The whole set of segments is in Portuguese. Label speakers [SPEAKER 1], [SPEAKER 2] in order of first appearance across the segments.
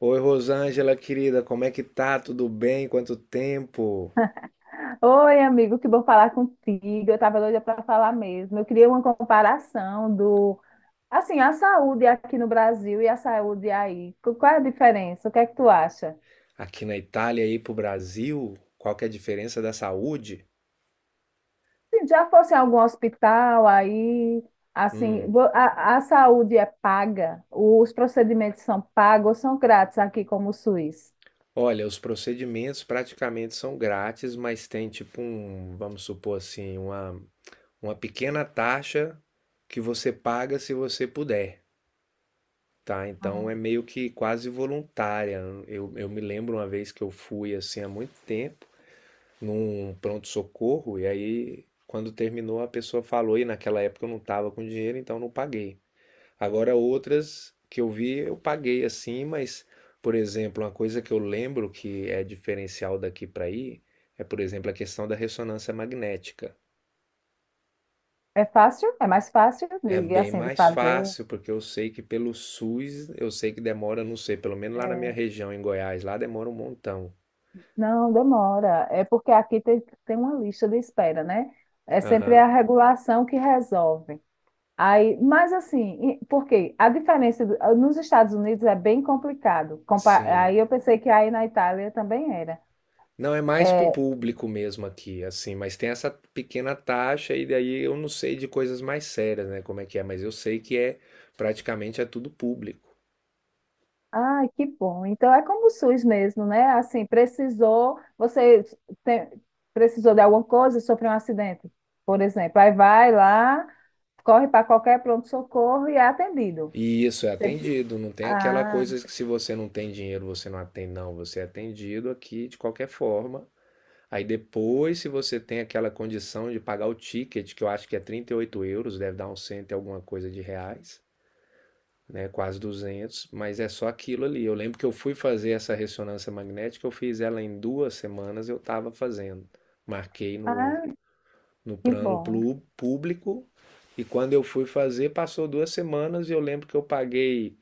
[SPEAKER 1] Oi, Rosângela, querida, como é que tá? Tudo bem? Quanto tempo?
[SPEAKER 2] Oi, amigo, que bom falar contigo. Eu tava doida para falar mesmo. Eu queria uma comparação assim, a saúde aqui no Brasil e a saúde aí. Qual é a diferença? O que é que tu acha?
[SPEAKER 1] Aqui na Itália e pro Brasil? Qual que é a diferença da saúde?
[SPEAKER 2] Se já fosse em algum hospital aí, assim,
[SPEAKER 1] Hum.
[SPEAKER 2] a saúde é paga? Os procedimentos são pagos ou são grátis aqui como o SUS?
[SPEAKER 1] Olha, os procedimentos praticamente são grátis, mas tem tipo um, vamos supor assim, uma pequena taxa que você paga se você puder, tá? Então
[SPEAKER 2] Ah.
[SPEAKER 1] é meio que quase voluntária. Eu me lembro uma vez que eu fui assim há muito tempo num pronto-socorro, e aí, quando terminou, a pessoa falou, e naquela época eu não estava com dinheiro, então não paguei. Agora, outras que eu vi, eu paguei assim, mas, por exemplo, uma coisa que eu lembro que é diferencial daqui para aí é, por exemplo, a questão da ressonância magnética.
[SPEAKER 2] É fácil? É mais fácil
[SPEAKER 1] É
[SPEAKER 2] de,
[SPEAKER 1] bem
[SPEAKER 2] assim, de
[SPEAKER 1] mais
[SPEAKER 2] fazer?
[SPEAKER 1] fácil, porque eu sei que pelo SUS, eu sei que demora, não sei, pelo menos lá na minha região, em Goiás, lá demora um montão.
[SPEAKER 2] Não, demora. É porque aqui tem uma lista de espera, né? É sempre
[SPEAKER 1] Aham,
[SPEAKER 2] a regulação que resolve. Aí, mas assim, porque a diferença nos Estados Unidos é bem complicado. Aí
[SPEAKER 1] sim.
[SPEAKER 2] eu pensei que aí na Itália também era.
[SPEAKER 1] Não, é mais pro
[SPEAKER 2] É,
[SPEAKER 1] público mesmo aqui, assim, mas tem essa pequena taxa e daí eu não sei de coisas mais sérias, né, como é que é, mas eu sei que praticamente é tudo público.
[SPEAKER 2] ai, que bom. Então é como o SUS mesmo, né? Assim, precisou, você tem- precisou de alguma coisa, sofreu um acidente, por exemplo. Aí vai lá, corre para qualquer pronto-socorro e é atendido.
[SPEAKER 1] E isso é
[SPEAKER 2] Sempre-
[SPEAKER 1] atendido, não tem aquela
[SPEAKER 2] Ah,
[SPEAKER 1] coisa que se você não tem dinheiro, você não atende, não, você é atendido aqui de qualquer forma. Aí depois, se você tem aquela condição de pagar o ticket, que eu acho que é 38 euros, deve dar um cento e alguma coisa de reais, né, quase duzentos, mas é só aquilo ali. Eu lembro que eu fui fazer essa ressonância magnética, eu fiz ela em 2 semanas, eu estava fazendo. Marquei no,
[SPEAKER 2] ah.
[SPEAKER 1] no
[SPEAKER 2] Que
[SPEAKER 1] plano
[SPEAKER 2] bom.
[SPEAKER 1] público e quando eu fui fazer, passou 2 semanas e eu lembro que eu paguei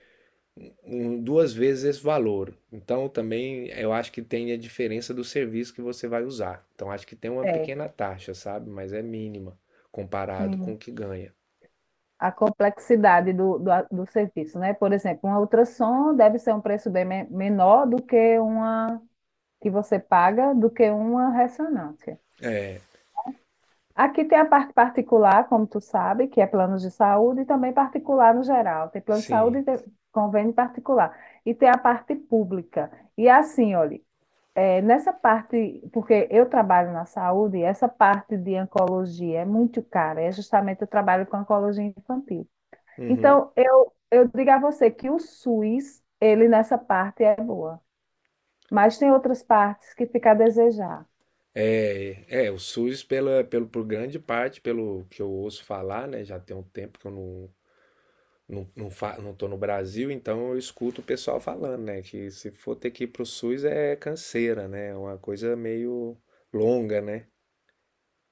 [SPEAKER 1] um- duas vezes esse valor. Então também eu acho que tem a diferença do serviço que você vai usar. Então acho que tem uma
[SPEAKER 2] É.
[SPEAKER 1] pequena taxa, sabe? Mas é mínima comparado com
[SPEAKER 2] Sim.
[SPEAKER 1] o que ganha.
[SPEAKER 2] A complexidade do serviço, né? Por exemplo, um ultrassom deve ser um preço bem menor do que uma, que você paga, do que uma ressonância.
[SPEAKER 1] É,
[SPEAKER 2] Aqui tem a parte particular, como tu sabe, que é planos de saúde e também particular no geral. Tem plano de saúde e
[SPEAKER 1] sim.
[SPEAKER 2] tem convênio particular. E tem a parte pública. E assim, olha, é, nessa parte, porque eu trabalho na saúde, essa parte de oncologia é muito cara. É justamente eu trabalho com oncologia infantil.
[SPEAKER 1] Uhum.
[SPEAKER 2] Então, eu digo a você que o SUS, ele nessa parte é boa, mas tem outras partes que fica a desejar.
[SPEAKER 1] É, é, o SUS, pela, pelo, por grande parte, pelo que eu ouço falar, né? Já tem um tempo que eu não, não tô no Brasil, então eu escuto o pessoal falando, né? Que se for ter que ir pro SUS é canseira, né? É uma coisa meio longa, né?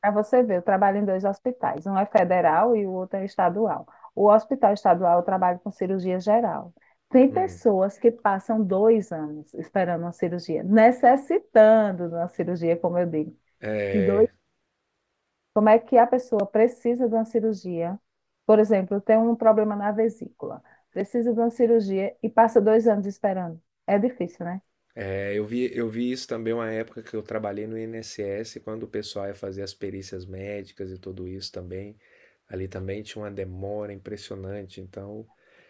[SPEAKER 2] Para você ver, eu trabalho em dois hospitais, um é federal e o outro é estadual. O hospital estadual eu trabalho com cirurgia geral. Tem
[SPEAKER 1] Hum.
[SPEAKER 2] pessoas que passam 2 anos esperando uma cirurgia, necessitando de uma cirurgia, como eu digo. E dois Como é que a pessoa precisa de uma cirurgia? Por exemplo, tem um problema na vesícula, precisa de uma cirurgia e passa 2 anos esperando. É difícil, né?
[SPEAKER 1] É, eu vi isso também uma época que eu trabalhei no INSS, quando o pessoal ia fazer as perícias médicas e tudo isso também. Ali também tinha uma demora impressionante. Então,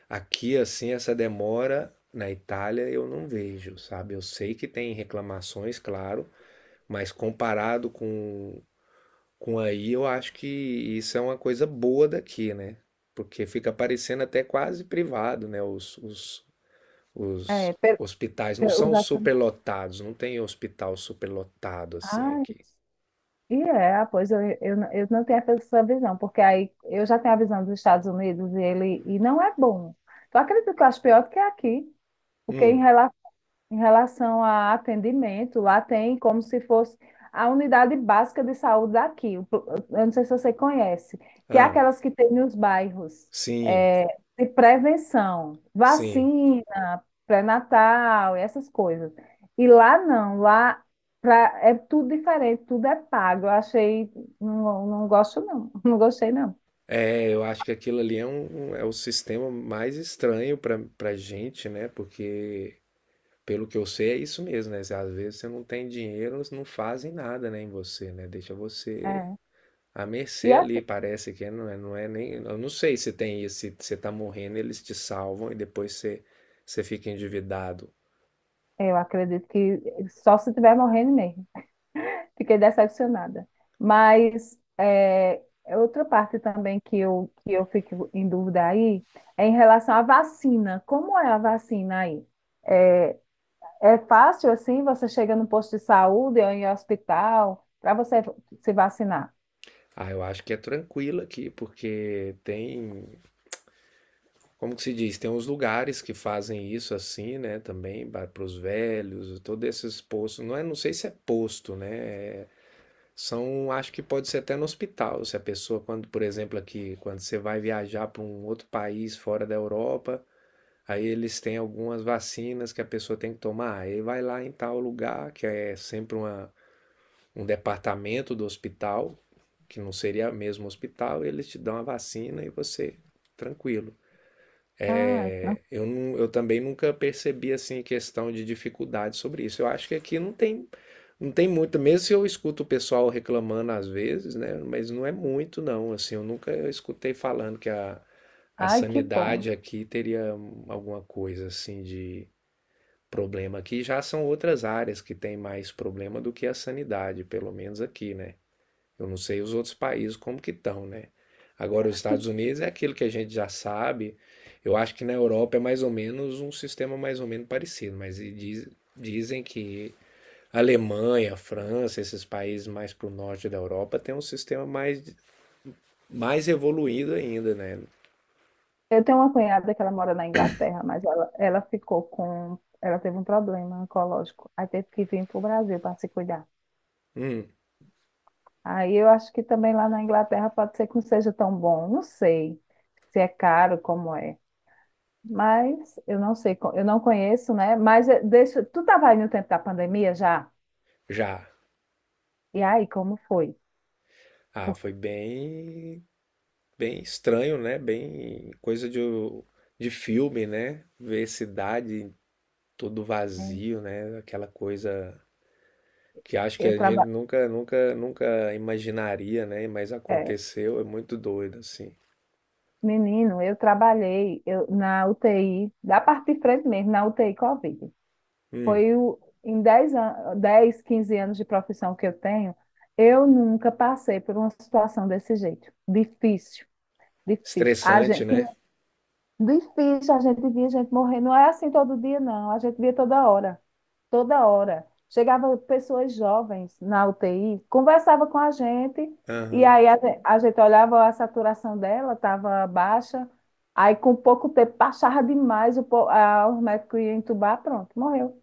[SPEAKER 1] aqui assim, essa demora na Itália eu não vejo, sabe? Eu sei que tem reclamações, claro, mas comparado com, aí, eu acho que isso é uma coisa boa daqui, né? Porque fica parecendo até quase privado, né? Os, os,
[SPEAKER 2] É,
[SPEAKER 1] os
[SPEAKER 2] per-
[SPEAKER 1] hospitais não
[SPEAKER 2] per- os
[SPEAKER 1] são superlotados, não tem hospital superlotado assim
[SPEAKER 2] Ah,
[SPEAKER 1] aqui.
[SPEAKER 2] e é, ah, pois eu não tenho essa visão, porque aí eu já tenho a visão dos Estados Unidos e ele e não é bom. Tu acredita que eu acho pior do que aqui? Porque em
[SPEAKER 1] Hum,
[SPEAKER 2] relação Em relação a atendimento, lá tem como se fosse a unidade básica de saúde daqui, eu não sei se você conhece, que é
[SPEAKER 1] ah,
[SPEAKER 2] aquelas que tem nos bairros,
[SPEAKER 1] sim,
[SPEAKER 2] é, de prevenção,
[SPEAKER 1] sim.
[SPEAKER 2] vacina, pré-natal, e essas coisas. E lá não, lá é tudo diferente, tudo é pago. Eu achei, não, não gosto não, não gostei não.
[SPEAKER 1] É, eu acho que aquilo ali é, é o sistema mais estranho para gente, né? Porque, pelo que eu sei, é isso mesmo, né? Às vezes você não tem dinheiro, eles não fazem nada, né, em você, né? Deixa você
[SPEAKER 2] É.
[SPEAKER 1] à
[SPEAKER 2] E
[SPEAKER 1] mercê ali,
[SPEAKER 2] assim,
[SPEAKER 1] parece que não é, não é nem. Eu não sei se tem isso, se você tá morrendo, eles te salvam e depois você, você fica endividado.
[SPEAKER 2] eu acredito que só se estiver morrendo mesmo. Fiquei decepcionada. Mas é, outra parte também que eu fico em dúvida aí é em relação à vacina. Como é a vacina aí? É, é fácil assim? Você chega no posto de saúde ou em hospital para você se vacinar?
[SPEAKER 1] Ah, eu acho que é tranquilo aqui, porque tem, como que se diz, tem uns lugares que fazem isso assim, né, também para os velhos, todos esses postos, não é, não sei se é posto, né, é- são, acho que pode ser até no hospital, se a pessoa, quando, por exemplo, aqui, quando você vai viajar para um outro país fora da Europa, aí eles têm algumas vacinas que a pessoa tem que tomar, aí vai lá em tal lugar, que é sempre uma um departamento do hospital, que não seria mesmo hospital, eles te dão a vacina e você tranquilo.
[SPEAKER 2] Ai, tran-
[SPEAKER 1] É, eu, não, eu também nunca percebi assim questão de dificuldade sobre isso. Eu acho que aqui não tem não tem muito, mesmo se eu escuto o pessoal reclamando às vezes, né? Mas não é muito não, assim, eu nunca escutei falando que a
[SPEAKER 2] ai, que
[SPEAKER 1] sanidade
[SPEAKER 2] bom.
[SPEAKER 1] aqui teria alguma coisa assim de problema aqui. Já são outras áreas que tem mais problema do que a sanidade, pelo menos aqui, né? Eu não sei os outros países como que estão, né? Agora, os Estados
[SPEAKER 2] Tu-
[SPEAKER 1] Unidos é aquilo que a gente já sabe. Eu acho que na Europa é mais ou menos um sistema mais ou menos parecido, mas dizem que a Alemanha, a França, esses países mais para o norte da Europa tem um sistema mais, evoluído ainda, né?
[SPEAKER 2] Eu tenho uma cunhada que ela mora na Inglaterra, mas ela ficou com. Ela teve um problema oncológico. Aí teve que vir para o Brasil para se cuidar.
[SPEAKER 1] Hum,
[SPEAKER 2] Aí eu acho que também lá na Inglaterra pode ser que não seja tão bom. Não sei se é caro, como é. Mas eu não sei, eu não conheço, né? Mas deixa. Tu estava aí no tempo da pandemia já?
[SPEAKER 1] já.
[SPEAKER 2] E aí, como foi?
[SPEAKER 1] Ah, foi
[SPEAKER 2] Porque
[SPEAKER 1] bem, bem estranho, né? Bem coisa de filme, né? Ver cidade todo
[SPEAKER 2] eh,
[SPEAKER 1] vazio, né? Aquela coisa que acho que
[SPEAKER 2] eu
[SPEAKER 1] a gente
[SPEAKER 2] trabalho.
[SPEAKER 1] nunca, nunca, nunca imaginaria, né? Mas aconteceu, é muito doido, assim.
[SPEAKER 2] Menino, eu trabalhei, na UTI, da parte de frente mesmo, na UTI Covid.
[SPEAKER 1] Hum,
[SPEAKER 2] Foi o, Em 10, 15 anos de profissão que eu tenho, eu nunca passei por uma situação desse jeito. Difícil, difícil.
[SPEAKER 1] estressante, né?
[SPEAKER 2] Difícil, a gente via gente morrer. Não é assim todo dia, não. A gente via toda hora. Toda hora. Chegava pessoas jovens na UTI, conversava com a gente, e
[SPEAKER 1] Aham.
[SPEAKER 2] aí a gente olhava a saturação dela, estava baixa. Aí, com pouco tempo, baixava demais, os médicos iam entubar, pronto, morreu.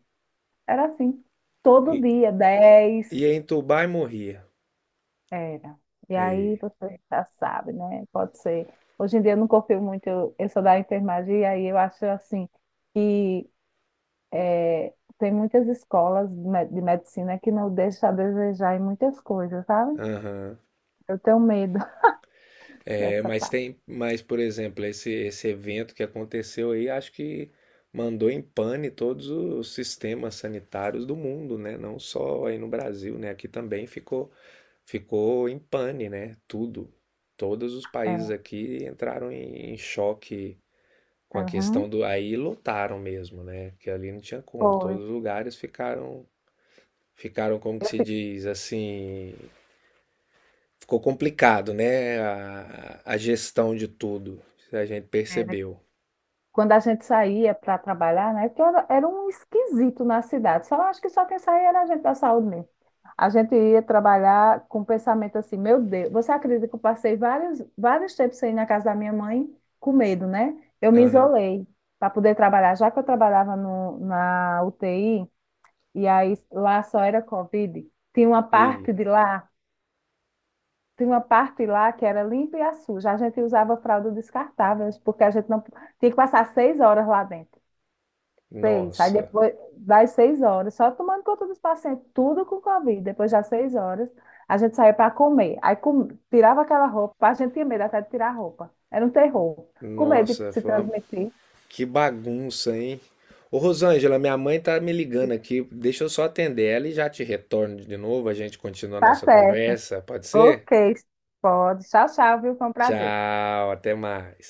[SPEAKER 2] Era assim. Todo
[SPEAKER 1] E,
[SPEAKER 2] dia,
[SPEAKER 1] e-
[SPEAKER 2] 10
[SPEAKER 1] ia entubar e morria.
[SPEAKER 2] era. E aí
[SPEAKER 1] E,
[SPEAKER 2] você já sabe, né? Pode ser. Hoje em dia eu não confio muito, eu sou da enfermagem, e aí eu acho assim que tem muitas escolas de medicina que não deixam a desejar em muitas coisas, sabe?
[SPEAKER 1] aham.
[SPEAKER 2] Eu tenho medo
[SPEAKER 1] É,
[SPEAKER 2] dessa
[SPEAKER 1] mas
[SPEAKER 2] parte.
[SPEAKER 1] tem, mas por exemplo, esse evento que aconteceu aí, acho que mandou em pane todos os sistemas sanitários do mundo, né? Não só aí no Brasil, né? Aqui também ficou, ficou em pane, né? Tudo. Todos os países
[SPEAKER 2] É.
[SPEAKER 1] aqui entraram em, choque com a questão
[SPEAKER 2] Uhum.
[SPEAKER 1] do. Aí lotaram mesmo, né? Porque ali não tinha como.
[SPEAKER 2] Foi.
[SPEAKER 1] Todos os lugares ficaram, ficaram como que
[SPEAKER 2] Eu
[SPEAKER 1] se
[SPEAKER 2] fiquei.
[SPEAKER 1] diz, assim. Ficou complicado, né? A gestão de tudo. A gente percebeu.
[SPEAKER 2] Quando a gente saía para trabalhar, né? Era um esquisito na cidade. Só acho que só quem saía era a gente da saúde mesmo. A gente ia trabalhar com o pensamento assim, meu Deus, você acredita que eu passei vários tempos sem ir na casa da minha mãe com medo, né? Eu me
[SPEAKER 1] Aham.
[SPEAKER 2] isolei para poder trabalhar, já que eu trabalhava no, na UTI, e aí lá só era Covid, tinha uma
[SPEAKER 1] E,
[SPEAKER 2] parte de lá, tinha uma parte lá que era limpa e suja. A gente usava fralda descartável, porque a gente não tinha que passar 6 horas lá dentro. Seis. Aí
[SPEAKER 1] nossa,
[SPEAKER 2] depois das 6 horas, só tomando conta dos pacientes, tudo com Covid. Depois das seis horas, a gente saía para comer. Aí tirava aquela roupa, a gente tinha medo até de tirar a roupa. Era um terror. Com medo de
[SPEAKER 1] nossa,
[SPEAKER 2] se
[SPEAKER 1] foi uma...
[SPEAKER 2] transmitir.
[SPEAKER 1] que bagunça, hein? Ô Rosângela, minha mãe tá me ligando aqui. Deixa eu só atender ela e já te retorno de novo. A gente continua a
[SPEAKER 2] Tá
[SPEAKER 1] nossa
[SPEAKER 2] certo.
[SPEAKER 1] conversa, pode
[SPEAKER 2] Ok,
[SPEAKER 1] ser?
[SPEAKER 2] pode. Tchau, tchau, viu? Foi um prazer.
[SPEAKER 1] Tchau, até mais.